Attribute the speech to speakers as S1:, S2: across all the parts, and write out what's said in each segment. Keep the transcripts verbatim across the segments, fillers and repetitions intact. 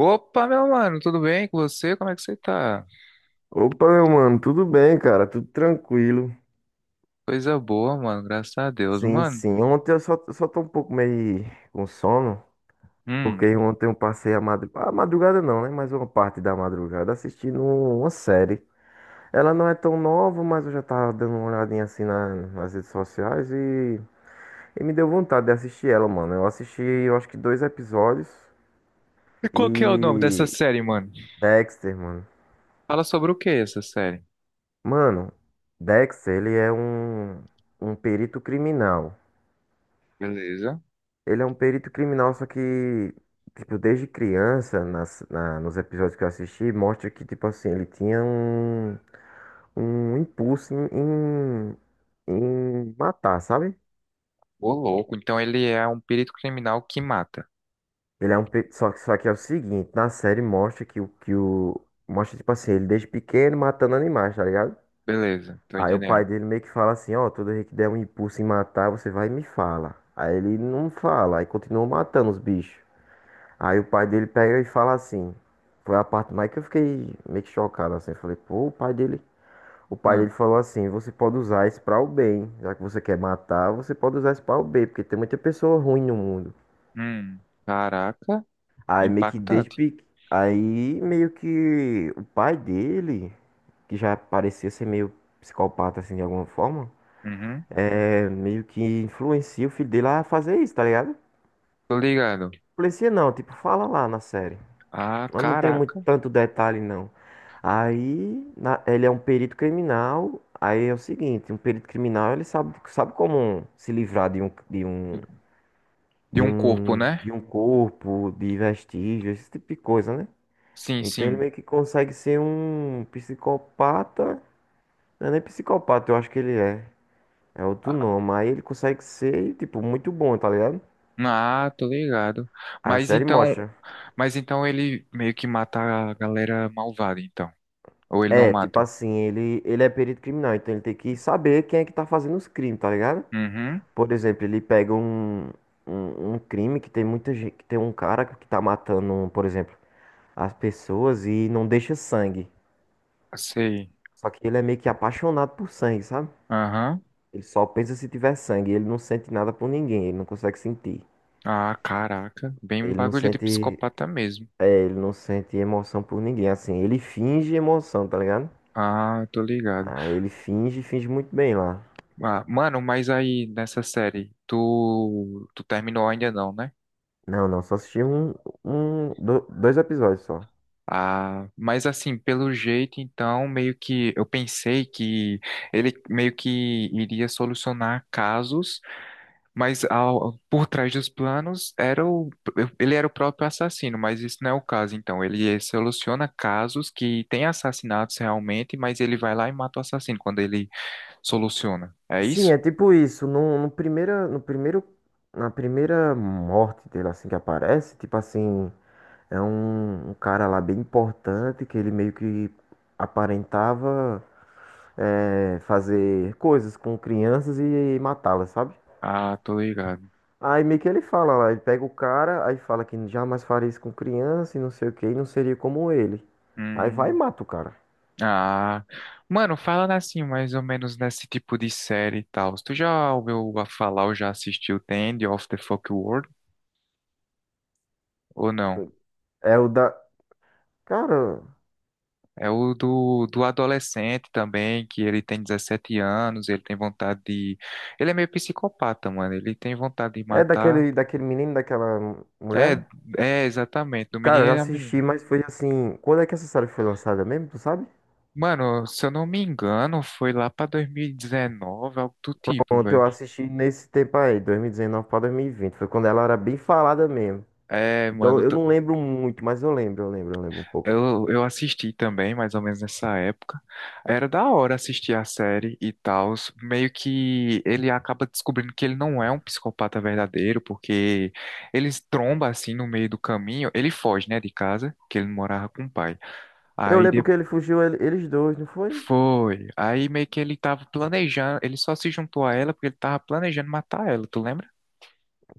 S1: Opa, meu mano, tudo bem com você? Como é que você tá?
S2: Opa, meu mano, tudo bem, cara? Tudo tranquilo.
S1: Coisa boa, mano, graças a Deus,
S2: Sim,
S1: mano.
S2: sim. Ontem eu só, só tô um pouco meio com sono,
S1: Hum.
S2: porque ontem eu passei a madrugada, a madrugada não, né? Mas uma parte da madrugada assistindo uma série. Ela não é tão nova, mas eu já tava dando uma olhadinha assim na- nas redes sociais e, e me deu vontade de assistir ela, mano. Eu assisti, eu acho que dois episódios
S1: E qual que é o nome dessa
S2: e
S1: série, mano?
S2: Dexter, mano.
S1: Fala sobre o que essa série?
S2: Mano, Dexter, ele é um, um perito criminal.
S1: Beleza.
S2: Ele é um perito criminal, só que, tipo, desde criança, nas, na- nos episódios que eu assisti, mostra que, tipo assim, ele tinha um, um impulso em, em, em matar, sabe?
S1: Ô, louco, então ele é um perito criminal que mata.
S2: Ele é um, pe- só, que- só que é o seguinte, na série mostra que o, que o, mostra, tipo assim, ele desde pequeno matando animais, tá ligado?
S1: Beleza, tô
S2: Aí o
S1: entendendo.
S2: pai dele meio que fala assim, ó, toda vez que der um impulso em matar, você vai e me fala. Aí ele não fala, aí continua matando os bichos. Aí o pai dele pega e fala assim. Foi a parte mais que eu fiquei meio que chocado assim. Eu falei, pô, o pai dele. O pai
S1: Ah,
S2: dele falou assim: você pode usar isso para o bem. Já que você quer matar, você pode usar isso para o bem, porque tem muita pessoa ruim no mundo.
S1: hum. Caraca,
S2: Aí meio que desde
S1: impactante.
S2: pequeno. Aí meio que o pai dele, que já parecia ser meio psicopata assim de alguma forma,
S1: Uhum.
S2: é meio que influencia o filho dele a fazer isso, tá ligado?
S1: Tô ligado.
S2: Influencia não, tipo, fala lá na série.
S1: Ah,
S2: Mas não tem muito
S1: caraca.
S2: tanto detalhe, não. Aí, na- ele é um perito criminal. Aí é o seguinte, um perito criminal, ele sabe, sabe como se livrar de um, de
S1: De
S2: um,
S1: de
S2: de
S1: um corpo,
S2: um,
S1: né?
S2: de um corpo, de vestígios, esse tipo de coisa, né?
S1: Sim,
S2: Então ele
S1: sim.
S2: meio que consegue ser um psicopata. Não é nem psicopata, eu acho que ele é. É outro nome. Aí ele consegue ser, tipo, muito bom, tá ligado?
S1: Ah, tô ligado.
S2: A
S1: Mas
S2: série
S1: então,
S2: mostra.
S1: mas então ele meio que mata a galera malvada, então. Ou ele não
S2: É, tipo
S1: mata?
S2: assim, ele, ele é perito criminal, então ele tem que saber quem é que tá fazendo os crimes, tá ligado?
S1: Uhum.
S2: Por exemplo, ele pega um, um, um crime que tem muita gente, que tem um cara que tá matando, por exemplo, as pessoas e não deixa sangue.
S1: Sei.
S2: Só que ele é meio que apaixonado por sangue, sabe?
S1: Aham.
S2: Ele só pensa se tiver sangue, ele não sente nada por ninguém, ele não consegue sentir.
S1: Ah, caraca. Bem um
S2: Ele não
S1: bagulho de
S2: sente,
S1: psicopata mesmo.
S2: é, ele não sente emoção por ninguém, assim, ele finge emoção, tá ligado?
S1: Ah, tô ligado.
S2: Ah, ele finge, finge muito bem lá.
S1: Ah, mano, mas aí nessa série, tu, tu terminou ainda não, né?
S2: Não, não, só assisti um, um, do- dois episódios só.
S1: Ah, mas assim, pelo jeito, então, meio que eu pensei que ele meio que iria solucionar casos. Mas ao- por trás dos planos era o, ele era o próprio assassino, mas isso não é o caso. Então, ele eh, soluciona casos que tem assassinatos realmente, mas ele vai lá e mata o assassino quando ele soluciona. É
S2: Sim,
S1: isso?
S2: é tipo isso. No, no primeira, no primeiro, na primeira morte dele, assim, que aparece, tipo assim, é um, um cara lá bem importante que ele meio que aparentava é, fazer coisas com crianças e matá-las, sabe?
S1: Ah, tô ligado.
S2: Aí meio que ele fala lá, ele pega o cara, aí fala que jamais faria isso com criança e não sei o que, e não seria como ele. Aí vai e
S1: Hum,
S2: mata o cara.
S1: ah, mano, falando assim, mais ou menos nesse tipo de série e tal. Tu já ouviu falar ou já assistiu The End of the Fuck World ou não?
S2: É o da. Cara,
S1: É o do, do adolescente também, que ele tem dezessete anos, ele tem vontade de. Ele é meio psicopata, mano. Ele tem vontade de
S2: é
S1: matar.
S2: daquele, daquele menino, daquela
S1: É,
S2: mulher?
S1: é exatamente, do
S2: Cara,
S1: menino
S2: eu já
S1: e da
S2: assisti,
S1: menina.
S2: mas foi assim. Quando é que essa série foi lançada mesmo? Tu sabe?
S1: Mano, se eu não me engano, foi lá pra dois mil e dezenove, algo do tipo,
S2: Pronto,
S1: velho.
S2: eu assisti nesse tempo aí, dois mil e dezenove pra dois mil e vinte. Foi quando ela era bem falada mesmo.
S1: É,
S2: Então
S1: mano,
S2: eu não lembro muito, mas eu lembro, eu lembro, eu lembro um pouco.
S1: Eu, eu assisti também, mais ou menos nessa época. Era da hora assistir a série e tal. Meio que ele acaba descobrindo que ele não é um psicopata verdadeiro, porque eles tromba assim no meio do caminho. Ele foge, né, de casa, que ele morava com o pai.
S2: Eu
S1: Aí
S2: lembro que
S1: depois
S2: ele fugiu, ele- eles dois, não foi?
S1: foi. Aí meio que ele tava planejando, ele só se juntou a ela porque ele tava planejando matar ela, tu lembra?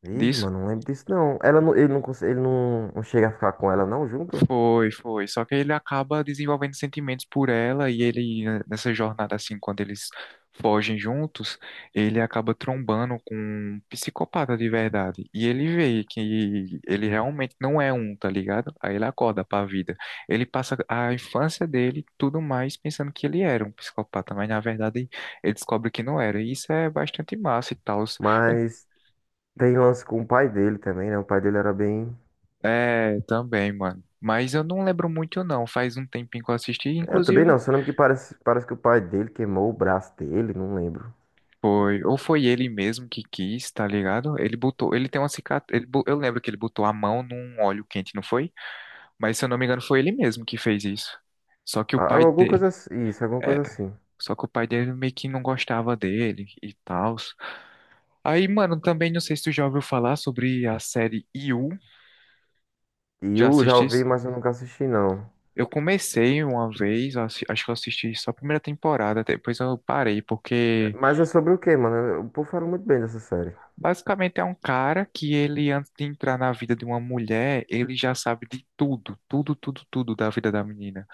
S2: Vixe,
S1: Disso?
S2: mano, não lembro disso não. Ela não, ele não, cons- ele não, não chega a ficar com ela não junto,
S1: Foi, foi. Só que ele acaba desenvolvendo sentimentos por ela e ele, né, nessa jornada, assim, quando eles fogem juntos, ele acaba trombando com um psicopata de verdade. E ele vê que ele realmente não é um, tá ligado? Aí ele acorda pra vida. Ele passa a infância dele, e tudo mais, pensando que ele era um psicopata, mas na verdade ele descobre que não era. E isso é bastante massa e tal. Eu
S2: mas tem lance com o pai dele também, né? O pai dele era bem.
S1: é, também, mano. Mas eu não lembro muito, não. Faz um tempinho que eu assisti.
S2: Eu também
S1: Inclusive,
S2: não, só lembro que parece, parece que o pai dele queimou o braço dele, não lembro.
S1: foi, ou foi ele mesmo que quis, tá ligado? Ele botou, ele tem uma cicatriz, ele, bo- eu lembro que ele botou a mão num óleo quente, não foi? Mas se eu não me engano, foi ele mesmo que fez isso. Só que o
S2: Ah,
S1: pai
S2: alguma
S1: dele,
S2: coisa assim. Isso, alguma
S1: é,
S2: coisa assim.
S1: só que o pai dele meio que não gostava dele e tal. Aí, mano, também não sei se tu já ouviu falar sobre a série You,
S2: E
S1: já
S2: eu já ouvi,
S1: assististe?
S2: mas eu nunca assisti, não.
S1: Eu comecei uma vez, eu assi- acho que eu assisti só a primeira temporada, depois eu parei
S2: É,
S1: porque
S2: mas é sobre o quê, mano? O povo fala muito bem dessa série.
S1: basicamente é um cara que ele, antes de entrar na vida de uma mulher, ele já sabe de tudo, tudo, tudo, tudo da vida da menina.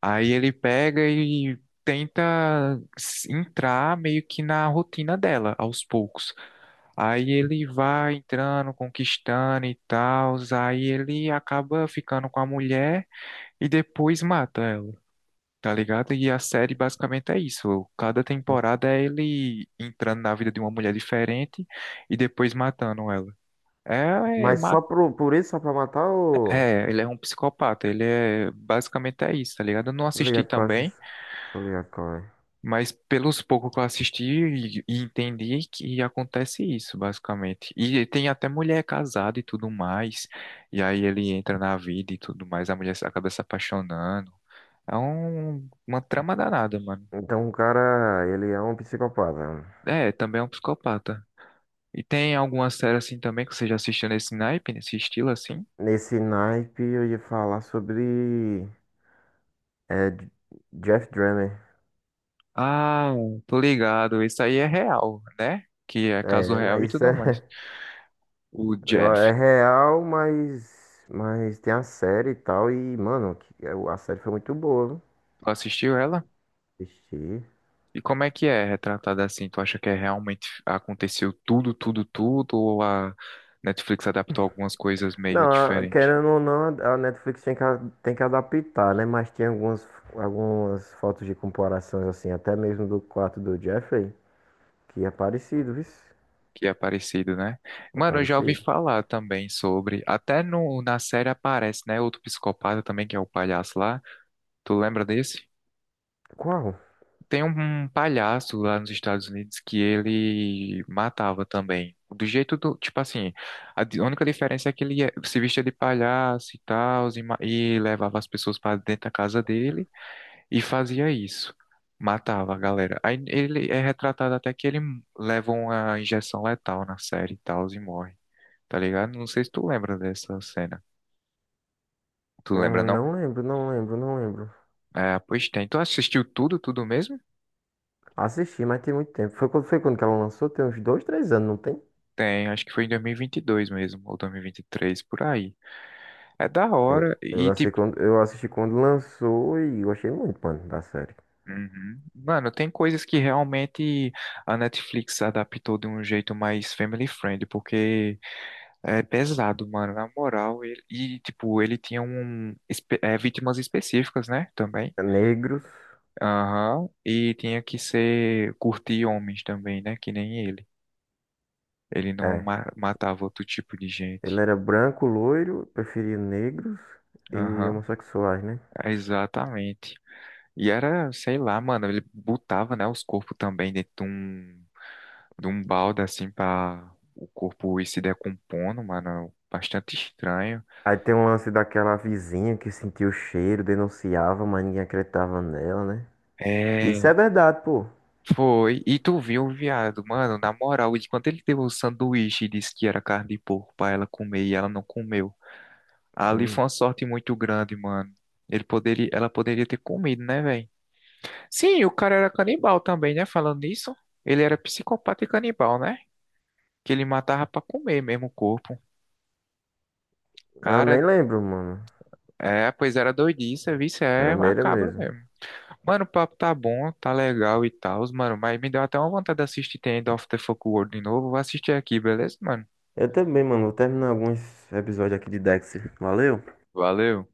S1: Aí ele pega e tenta s- entrar meio que na rotina dela, aos poucos. Aí ele vai entrando, conquistando e tal, aí ele acaba ficando com a mulher e depois mata ela, tá ligado? E a série basicamente é isso. Cada temporada é ele entrando na vida de uma mulher diferente e depois matando ela. É, é,
S2: Mas
S1: ma-
S2: só pro, por isso, só pra matar ou.
S1: é, ele é um psicopata, ele é basicamente é isso, tá ligado? Eu não
S2: Tô
S1: assisti
S2: ligado qual é essas.
S1: também,
S2: Tô ligado qual é.
S1: mas pelos poucos que eu assisti e, e entendi que acontece isso, basicamente. E tem até mulher casada e tudo mais, e aí ele entra na vida e tudo mais, a mulher se- acaba se apaixonando. É um, uma trama danada, mano.
S2: Então o cara, ele é um psicopata.
S1: É, também é um psicopata. E tem alguma série assim também que você já assistiu nesse naipe, nesse estilo assim?
S2: Nesse naipe eu ia falar sobre. É, J- Jeff Dahmer.
S1: Ah, tô ligado. Isso aí é real, né? Que é caso
S2: É, na-
S1: real e
S2: isso
S1: tudo mais.
S2: é.
S1: O
S2: eu-
S1: Jeff,
S2: É real, mas. Mas tem a série e tal. E, mano, que- a série foi muito boa, viu?
S1: tu assistiu ela?
S2: Assisti.
S1: E como é que é retratada assim? Tu acha que é realmente aconteceu tudo, tudo, tudo? Ou a Netflix adaptou algumas coisas
S2: Não,
S1: meio
S2: a-
S1: diferentes?
S2: querendo ou não, a Netflix tem que, a- tem que adaptar, né? Mas tem algumas, algumas fotos de comparações, assim, até mesmo do quarto do Jeffrey, que é parecido, viu?
S1: Que é parecido, né?
S2: É
S1: Mano, eu já ouvi
S2: parecido.
S1: falar também sobre. Até no, na série aparece, né? Outro psicopata também, que é o palhaço lá. Tu lembra desse?
S2: Qual?
S1: Tem um um palhaço lá nos Estados Unidos que ele matava também. Do jeito do, tipo assim, a di- única diferença é que ele ia- se vestia de palhaço e tal, e, ma- e levava as pessoas para dentro da casa dele e fazia isso. Matava a galera. Aí ele é retratado até que ele leva uma injeção letal na série e tal, e morre. Tá ligado? Não sei se tu lembra dessa cena. Tu lembra,
S2: Hum,
S1: não?
S2: Não lembro, não lembro, não lembro.
S1: É, pois tem. Tu assistiu tudo, tudo mesmo?
S2: Assisti, mas tem muito tempo. Foi quando, foi quando que ela lançou? Tem uns dois, três anos, não tem?
S1: Tem, acho que foi em dois mil e vinte e dois mesmo, ou dois mil e vinte e três, por aí. É da
S2: Eu,
S1: hora.
S2: eu,
S1: E,
S2: lancei
S1: tipo,
S2: quando, eu assisti quando lançou e gostei muito, mano, da série.
S1: uhum. Mano, tem coisas que realmente a Netflix adaptou de um jeito mais family friendly, porque é pesado, mano. Na moral, ele- e, tipo, ele tinha um, espe- é, vítimas específicas, né? Também.
S2: Negros,
S1: Aham. E tinha que ser curtir homens também, né? Que nem ele. Ele não
S2: é.
S1: ma- matava outro tipo de
S2: Ele
S1: gente.
S2: era branco, loiro, preferia negros e
S1: Aham.
S2: homossexuais, né?
S1: Exatamente. E era, sei lá, mano, ele botava, né, os corpos também dentro de um, de um balde, assim, pra o corpo ir se decompondo, mano. Bastante estranho.
S2: Aí tem um lance daquela vizinha que sentiu o cheiro, denunciava, mas ninguém acreditava nela, né?
S1: É,
S2: Isso é verdade, pô.
S1: foi. E tu viu o viado, mano, na moral, de quando ele deu o sanduíche e disse que era carne de porco pra ela comer e ela não comeu. Ali
S2: Hum,
S1: foi uma sorte muito grande, mano. Ele poderia, ela poderia ter comido, né, velho? Sim, o cara era canibal também, né? Falando nisso, ele era psicopata e canibal, né? Que ele matava pra comer mesmo o corpo.
S2: Eu nem
S1: Cara,
S2: lembro, mano.
S1: é, pois era doidice, vice
S2: Era
S1: é
S2: meira
S1: macabro
S2: mesmo.
S1: mesmo. Mano, o papo tá bom, tá legal e tal, mano, mas me deu até uma vontade de assistir The End of the Fuck World de novo. Vou assistir aqui, beleza, mano?
S2: Eu também, mano. Vou terminar alguns episódios aqui de Dexter. Valeu?
S1: Valeu.